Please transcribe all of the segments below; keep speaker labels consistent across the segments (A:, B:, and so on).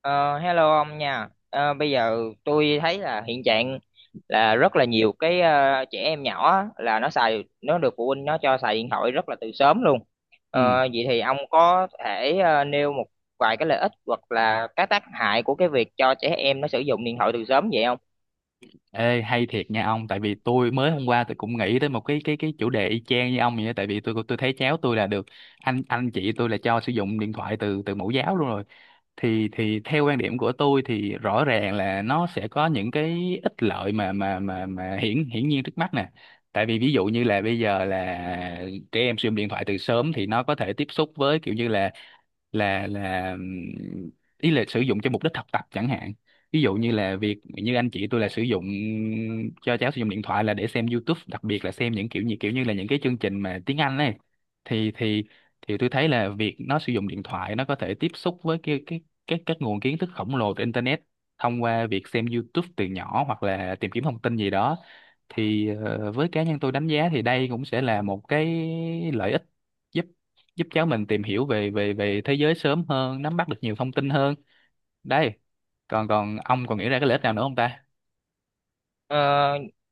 A: Ờ, Hello ông nha. Ờ, Bây giờ tôi thấy là hiện trạng là rất là nhiều cái trẻ em nhỏ á, là nó xài nó được phụ huynh nó cho xài điện thoại rất là từ sớm luôn.
B: Ừ.
A: Vậy thì ông có thể nêu một vài cái lợi ích hoặc là các tác hại của cái việc cho trẻ em nó sử dụng điện thoại từ sớm vậy không?
B: Ê, hay thiệt nha ông. Tại vì tôi mới hôm qua tôi cũng nghĩ tới một cái chủ đề y chang như ông vậy á. Tại vì tôi thấy cháu tôi là được anh chị tôi là cho sử dụng điện thoại từ từ mẫu giáo luôn rồi. Thì theo quan điểm của tôi thì rõ ràng là nó sẽ có những cái ích lợi mà hiển hiển nhiên trước mắt nè. Tại vì ví dụ như là bây giờ là trẻ em sử dụng điện thoại từ sớm thì nó có thể tiếp xúc với kiểu như là ý là sử dụng cho mục đích học tập chẳng hạn. Ví dụ như là việc như anh chị tôi là sử dụng cho cháu sử dụng điện thoại là để xem YouTube, đặc biệt là xem những kiểu như là những cái chương trình mà tiếng Anh ấy. Thì thì thì tôi thấy là việc nó sử dụng điện thoại nó có thể tiếp xúc với cái các nguồn kiến thức khổng lồ từ internet thông qua việc xem YouTube từ nhỏ hoặc là tìm kiếm thông tin gì đó. Thì với cá nhân tôi đánh giá thì đây cũng sẽ là một cái lợi ích, giúp giúp cháu mình tìm hiểu về về về thế giới sớm hơn, nắm bắt được nhiều thông tin hơn. Đây, còn còn ông còn nghĩ ra cái lợi ích nào nữa không ta?
A: Ờ,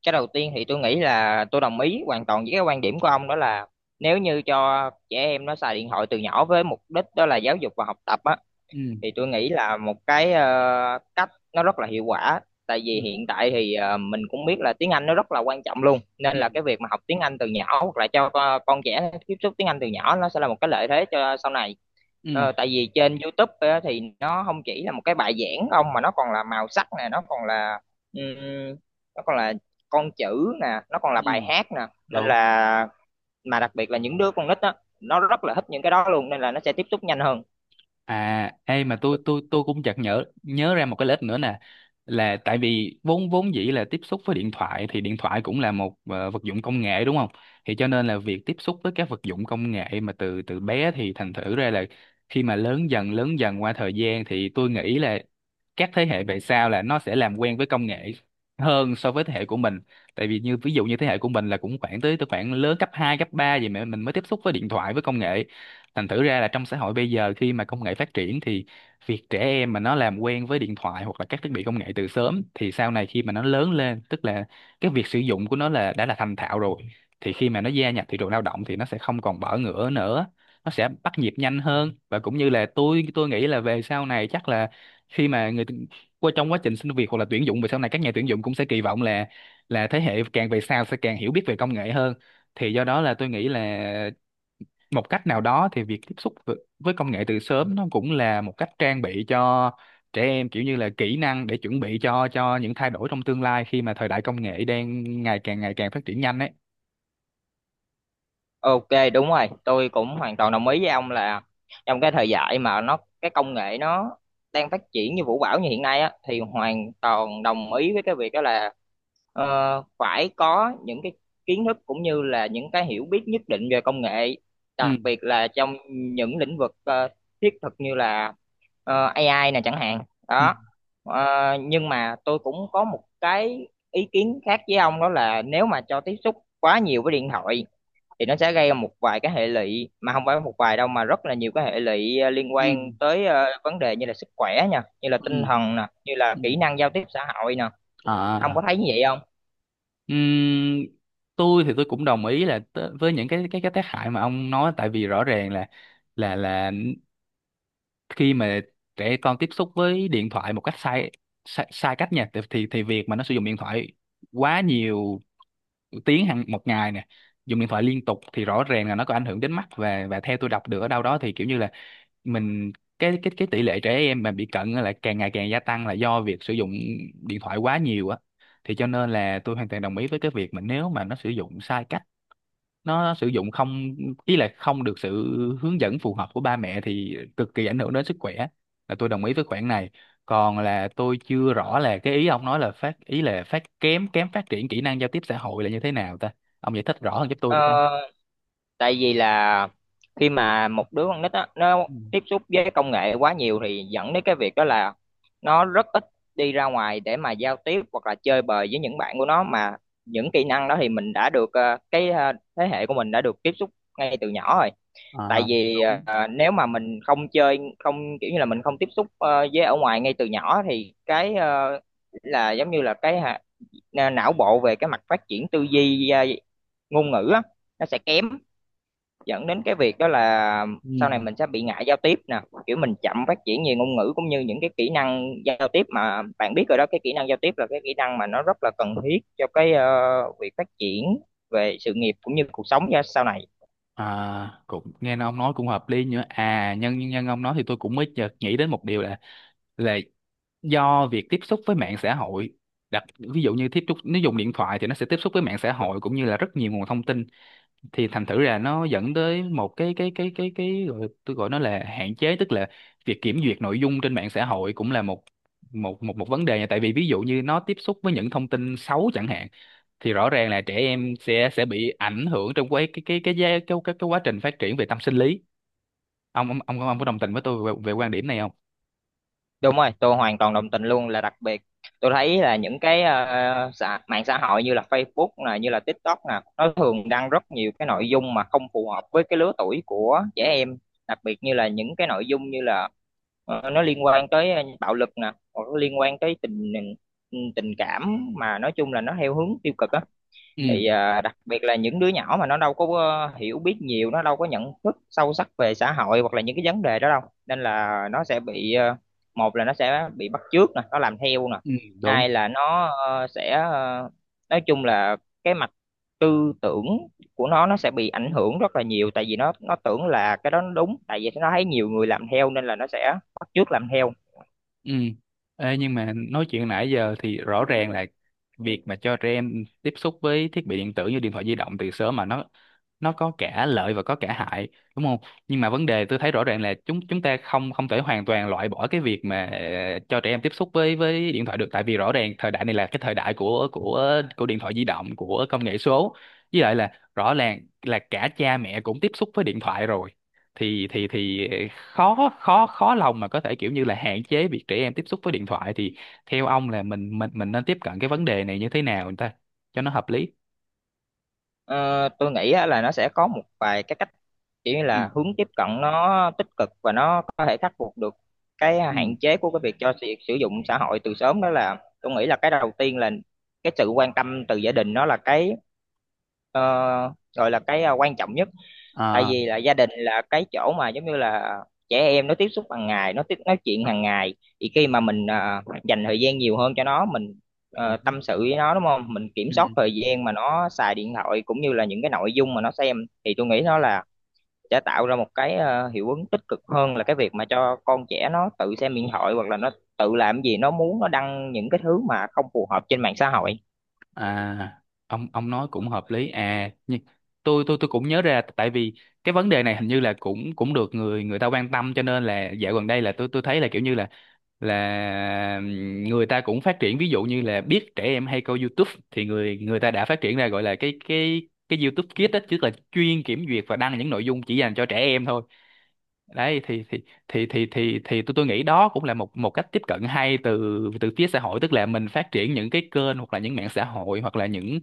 A: cái đầu tiên thì tôi nghĩ là tôi đồng ý hoàn toàn với cái quan điểm của ông, đó là nếu như cho trẻ em nó xài điện thoại từ nhỏ với mục đích đó là giáo dục và học tập á,
B: ừ
A: thì tôi nghĩ là một cái cách nó rất là hiệu quả. Tại
B: ừ
A: vì hiện tại thì mình cũng biết là tiếng Anh nó rất là quan trọng luôn, nên
B: ừ
A: là cái việc mà học tiếng Anh từ nhỏ hoặc là cho con trẻ tiếp xúc tiếng Anh từ nhỏ nó sẽ là một cái lợi thế cho sau này.
B: ừ
A: Tại vì trên YouTube á, thì nó không chỉ là một cái bài giảng không, mà nó còn là màu sắc nè, ừm, nó còn là con chữ nè, nó còn là
B: ừ.
A: bài hát nè, nên
B: Đúng.
A: là, mà đặc biệt là những đứa con nít á, nó rất là thích những cái đó luôn, nên là nó sẽ tiếp xúc nhanh hơn.
B: À, ê, mà tôi cũng chợt nhớ nhớ ra một cái lợi ích nữa nè. Là tại vì vốn vốn dĩ là tiếp xúc với điện thoại thì điện thoại cũng là một vật dụng công nghệ đúng không, thì cho nên là việc tiếp xúc với các vật dụng công nghệ mà từ từ bé thì thành thử ra là khi mà lớn dần qua thời gian thì tôi nghĩ là các thế hệ về sau là nó sẽ làm quen với công nghệ hơn so với thế hệ của mình. Tại vì như ví dụ như thế hệ của mình là cũng khoảng tới tới khoảng lớn cấp 2 cấp 3 gì mà mình mới tiếp xúc với điện thoại với công nghệ. Thành thử ra là trong xã hội bây giờ khi mà công nghệ phát triển thì việc trẻ em mà nó làm quen với điện thoại hoặc là các thiết bị công nghệ từ sớm thì sau này khi mà nó lớn lên, tức là cái việc sử dụng của nó là đã là thành thạo rồi, thì khi mà nó gia nhập thị trường lao động thì nó sẽ không còn bỡ ngỡ nữa, nó sẽ bắt nhịp nhanh hơn. Và cũng như là tôi nghĩ là về sau này chắc là khi mà qua trong quá trình xin việc hoặc là tuyển dụng về sau này, các nhà tuyển dụng cũng sẽ kỳ vọng là thế hệ càng về sau sẽ càng hiểu biết về công nghệ hơn. Thì do đó là tôi nghĩ là một cách nào đó thì việc tiếp xúc với công nghệ từ sớm nó cũng là một cách trang bị cho trẻ em kiểu như là kỹ năng để chuẩn bị cho những thay đổi trong tương lai khi mà thời đại công nghệ đang ngày càng phát triển nhanh ấy.
A: Ok, đúng rồi, tôi cũng hoàn toàn đồng ý với ông là trong cái thời đại mà nó cái công nghệ nó đang phát triển như vũ bão như hiện nay á, thì hoàn toàn đồng ý với cái việc đó là ờ, phải có những cái kiến thức cũng như là những cái hiểu biết nhất định về công nghệ,
B: ừ
A: đặc biệt là trong những lĩnh vực thiết thực như là AI này chẳng hạn.
B: ừ
A: Đó. Ờ, nhưng mà tôi cũng có một cái ý kiến khác với ông, đó là nếu mà cho tiếp xúc quá nhiều với điện thoại thì nó sẽ gây ra một vài cái hệ lụy, mà không phải một vài đâu mà rất là nhiều cái hệ lụy liên quan
B: ừ
A: tới vấn đề như là sức khỏe nha, như là tinh
B: ừ
A: thần nè, như là
B: ừ
A: kỹ năng giao tiếp xã hội nè. Ông có
B: à
A: thấy như vậy không?
B: Ừm, tôi thì tôi cũng đồng ý là với những cái tác hại mà ông nói. Tại vì rõ ràng là là là khi mà trẻ con tiếp xúc với điện thoại một cách sai, sai cách nha, thì việc mà nó sử dụng điện thoại quá nhiều tiếng hàng một ngày nè, dùng điện thoại liên tục, thì rõ ràng là nó có ảnh hưởng đến mắt. Và theo tôi đọc được ở đâu đó thì kiểu như là mình cái tỷ lệ trẻ em mà bị cận á là càng ngày càng gia tăng là do việc sử dụng điện thoại quá nhiều á. Thì cho nên là tôi hoàn toàn đồng ý với cái việc mà nếu mà nó sử dụng sai cách, nó sử dụng không ý là không được sự hướng dẫn phù hợp của ba mẹ thì cực kỳ ảnh hưởng đến sức khỏe. Là tôi đồng ý với khoản này. Còn là tôi chưa rõ là cái ý ông nói là ý là kém kém phát triển kỹ năng giao tiếp xã hội là như thế nào ta? Ông giải thích rõ hơn giúp tôi được không?
A: Ờ, Tại vì là khi mà một đứa con nít á, nó
B: Ừ.
A: tiếp xúc với công nghệ quá nhiều thì dẫn đến cái việc đó là nó rất ít đi ra ngoài để mà giao tiếp hoặc là chơi bời với những bạn của nó, mà những kỹ năng đó thì mình đã được cái thế hệ của mình đã được tiếp xúc ngay từ nhỏ rồi. Tại
B: À,
A: vì
B: Đúng.
A: nếu mà mình không chơi, không kiểu như là mình không tiếp xúc với ở ngoài ngay từ nhỏ thì cái là giống như là cái não bộ, về cái mặt phát triển tư duy ngôn ngữ á, nó sẽ kém, dẫn đến cái việc đó là sau này
B: Ừ.
A: mình sẽ bị ngại giao tiếp nè, kiểu mình chậm phát triển về ngôn ngữ cũng như những cái kỹ năng giao tiếp, mà bạn biết rồi đó, cái kỹ năng giao tiếp là cái kỹ năng mà nó rất là cần thiết cho cái việc phát triển về sự nghiệp cũng như cuộc sống ra sau này.
B: À, cũng nghe ông nói cũng hợp lý nữa. À, nhân nhân ông nói thì tôi cũng mới chợt nghĩ đến một điều là là do việc tiếp xúc với mạng xã hội, ví dụ như tiếp xúc nếu dùng điện thoại thì nó sẽ tiếp xúc với mạng xã hội cũng như là rất nhiều nguồn thông tin, thì thành thử là nó dẫn tới một cái gọi, tôi gọi nó là hạn chế. Tức là việc kiểm duyệt nội dung trên mạng xã hội cũng là một một một một vấn đề nha. Tại vì ví dụ như nó tiếp xúc với những thông tin xấu chẳng hạn, thì rõ ràng là trẻ em sẽ bị ảnh hưởng trong cái cái quá trình phát triển về tâm sinh lý. Ông có đồng tình với tôi về, về quan điểm này không?
A: Đúng rồi, tôi hoàn toàn đồng tình luôn, là đặc biệt tôi thấy là những cái mạng xã hội như là Facebook nè, như là TikTok nè, nó thường đăng rất nhiều cái nội dung mà không phù hợp với cái lứa tuổi của trẻ em, đặc biệt như là những cái nội dung như là nó liên quan tới bạo lực nè, hoặc nó liên quan tới tình tình cảm, mà nói chung là nó theo hướng tiêu cực á.
B: ừ
A: Thì à, đặc biệt là những đứa nhỏ mà nó đâu có hiểu biết nhiều, nó đâu có nhận thức sâu sắc về xã hội hoặc là những cái vấn đề đó đâu, nên là nó sẽ bị, một là nó sẽ bị bắt chước nè, nó làm theo nè,
B: ừ Đúng.
A: hai là nó nói chung là cái mặt tư tưởng của nó sẽ bị ảnh hưởng rất là nhiều, tại vì nó tưởng là cái đó nó đúng, tại vì nó thấy nhiều người làm theo nên là nó sẽ bắt chước làm theo.
B: Ừ. Ê, nhưng mà nói chuyện nãy giờ thì rõ ràng là việc mà cho trẻ em tiếp xúc với thiết bị điện tử như điện thoại di động từ sớm, mà nó có cả lợi và có cả hại, đúng không? Nhưng mà vấn đề tôi thấy rõ ràng là chúng chúng ta không không thể hoàn toàn loại bỏ cái việc mà cho trẻ em tiếp xúc với điện thoại được. Tại vì rõ ràng thời đại này là cái thời đại của điện thoại di động, của công nghệ số. Với lại là rõ ràng là cả cha mẹ cũng tiếp xúc với điện thoại rồi, thì khó khó khó lòng mà có thể kiểu như là hạn chế việc trẻ em tiếp xúc với điện thoại. Thì theo ông là mình nên tiếp cận cái vấn đề này như thế nào người ta cho nó hợp lý?
A: Ờ, tôi nghĩ á, là nó sẽ có một vài cái cách kiểu như
B: ừ
A: là hướng tiếp cận nó tích cực và nó có thể khắc phục được cái
B: ừ
A: hạn chế của cái việc cho việc sử dụng xã hội từ sớm. Đó là tôi nghĩ là cái đầu tiên là cái sự quan tâm từ gia đình, nó là cái ờ, gọi là cái quan trọng nhất. Tại
B: à
A: vì là gia đình là cái chỗ mà giống như là trẻ em nó tiếp xúc hàng ngày, nó tiếp nói chuyện hàng ngày, thì khi mà mình à, dành thời gian nhiều hơn cho nó, mình
B: Đúng.
A: tâm sự với nó, đúng không, mình kiểm soát
B: Ừ.
A: thời gian mà nó xài điện thoại cũng như là những cái nội dung mà nó xem, thì tôi nghĩ nó là sẽ tạo ra một cái hiệu ứng tích cực hơn là cái việc mà cho con trẻ nó tự xem điện thoại hoặc là nó tự làm gì nó muốn, nó đăng những cái thứ mà không phù hợp trên mạng xã hội.
B: À, ông nói cũng hợp lý. À, nhưng tôi tôi cũng nhớ ra, tại vì cái vấn đề này hình như là cũng cũng được người người ta quan tâm, cho nên là dạo gần đây là tôi thấy là kiểu như là là người ta cũng phát triển, ví dụ như là biết trẻ em hay coi YouTube thì người người ta đã phát triển ra gọi là cái YouTube Kids á, chứ là chuyên kiểm duyệt và đăng những nội dung chỉ dành cho trẻ em thôi. Đấy, thì tôi nghĩ đó cũng là một một cách tiếp cận hay từ từ phía xã hội. Tức là mình phát triển những cái kênh hoặc là những mạng xã hội hoặc là những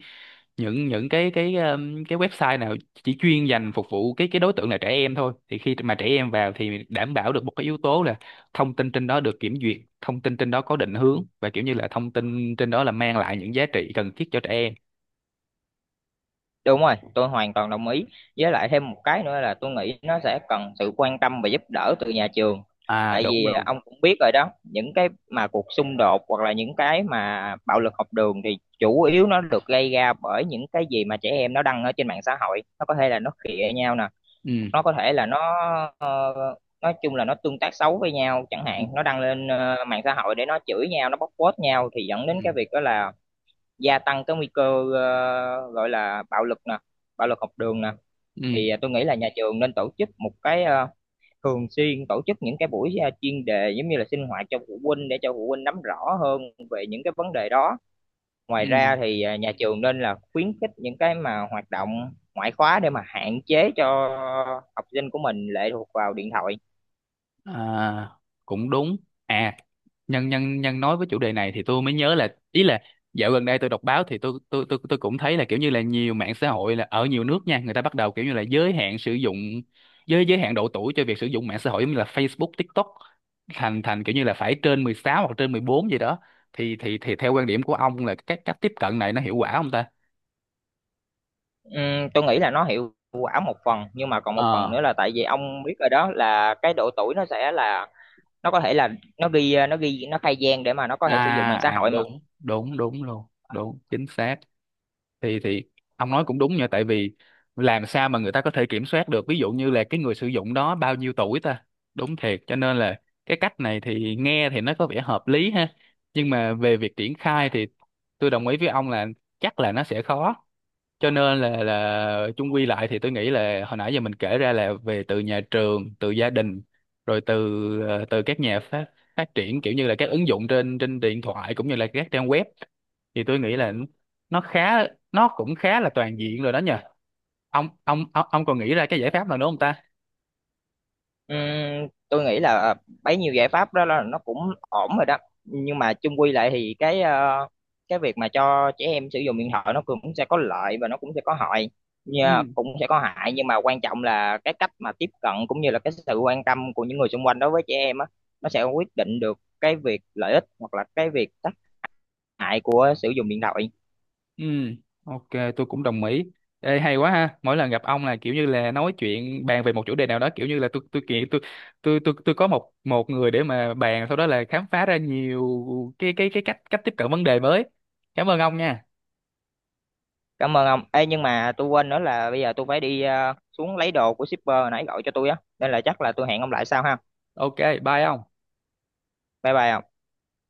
B: những cái website nào chỉ chuyên dành phục vụ cái đối tượng là trẻ em thôi, thì khi mà trẻ em vào thì đảm bảo được một cái yếu tố là thông tin trên đó được kiểm duyệt, thông tin trên đó có định hướng, và kiểu như là thông tin trên đó là mang lại những giá trị cần thiết cho trẻ em.
A: Đúng rồi, tôi hoàn toàn đồng ý. Với lại thêm một cái nữa là tôi nghĩ nó sẽ cần sự quan tâm và giúp đỡ từ nhà trường.
B: À
A: Tại
B: đúng
A: vì à,
B: luôn
A: ông cũng biết rồi đó, những cái mà cuộc xung đột hoặc là những cái mà bạo lực học đường thì chủ yếu nó được gây ra bởi những cái gì mà trẻ em nó đăng ở trên mạng xã hội. Nó có thể là nó khịa nhau nè,
B: ừ
A: nó có thể là nó ờ, nói chung là nó tương tác xấu với nhau chẳng
B: ừ
A: hạn, nó đăng lên mạng xã hội để nó chửi nhau, nó bóc phốt nhau, thì dẫn đến
B: ừ
A: cái việc đó là gia tăng cái nguy cơ gọi là bạo lực nè, bạo lực học đường nè.
B: ừ
A: Thì tôi nghĩ là nhà trường nên tổ chức một cái thường xuyên tổ chức những cái buổi chuyên đề giống như là sinh hoạt cho phụ huynh, để cho phụ huynh nắm rõ hơn về những cái vấn đề đó. Ngoài
B: ừ
A: ra thì nhà trường nên là khuyến khích những cái mà hoạt động ngoại khóa để mà hạn chế cho học sinh của mình lệ thuộc vào điện thoại.
B: À, cũng đúng. À, nhân nhân nhân nói với chủ đề này thì tôi mới nhớ là ý là dạo gần đây tôi đọc báo thì tôi tôi cũng thấy là kiểu như là nhiều mạng xã hội là ở nhiều nước nha, người ta bắt đầu kiểu như là giới hạn độ tuổi cho việc sử dụng mạng xã hội giống như là Facebook, TikTok, thành thành kiểu như là phải trên 16 hoặc trên 14 gì đó. Thì theo quan điểm của ông là cách cách tiếp cận này nó hiệu quả không ta?
A: Tôi nghĩ là nó hiệu quả một phần, nhưng mà còn một phần
B: Ờ.
A: nữa là tại vì ông biết rồi đó, là cái độ tuổi nó sẽ là, nó có thể là nó ghi, nó ghi, nó khai gian để mà nó có
B: À,
A: thể sử dụng mạng xã
B: À,
A: hội mà.
B: đúng, đúng luôn. Đúng, chính xác. Thì Ông nói cũng đúng nha. Tại vì làm sao mà người ta có thể kiểm soát được ví dụ như là cái người sử dụng đó bao nhiêu tuổi ta? Đúng thiệt. Cho nên là cái cách này thì nghe thì nó có vẻ hợp lý ha, nhưng mà về việc triển khai thì tôi đồng ý với ông là chắc là nó sẽ khó. Cho nên là chung quy lại thì tôi nghĩ là hồi nãy giờ mình kể ra là về từ nhà trường, từ gia đình, rồi từ từ các nhà phát phát triển kiểu như là các ứng dụng trên trên điện thoại cũng như là các trang web, thì tôi nghĩ là nó khá nó cũng khá là toàn diện rồi đó nhờ. Ông còn nghĩ ra cái giải pháp nào nữa không ta?
A: Tôi nghĩ là bấy nhiêu giải pháp đó là nó cũng ổn rồi đó, nhưng mà chung quy lại thì cái cái việc mà cho trẻ em sử dụng điện thoại nó cũng sẽ có lợi và nó cũng sẽ có hại nha,
B: Ừ.
A: cũng sẽ có hại, nhưng mà quan trọng là cái cách mà tiếp cận cũng như là cái sự quan tâm của những người xung quanh đối với trẻ em á, nó sẽ quyết định được cái việc lợi ích hoặc là cái việc tác hại của sử dụng điện thoại.
B: Ừ, ok, tôi cũng đồng ý. Ê, hay quá ha. Mỗi lần gặp ông là kiểu như là nói chuyện bàn về một chủ đề nào đó, kiểu như là tôi tôi có một một người để mà bàn, sau đó là khám phá ra nhiều cái cách cách tiếp cận vấn đề mới. Cảm ơn ông nha.
A: Cảm ơn ông. Ê, nhưng mà tôi quên nữa là bây giờ tôi phải đi xuống lấy đồ của shipper hồi nãy gọi cho tôi á. Nên là chắc là tôi hẹn ông lại sau ha.
B: Ok, bye ông.
A: Bye bye ông.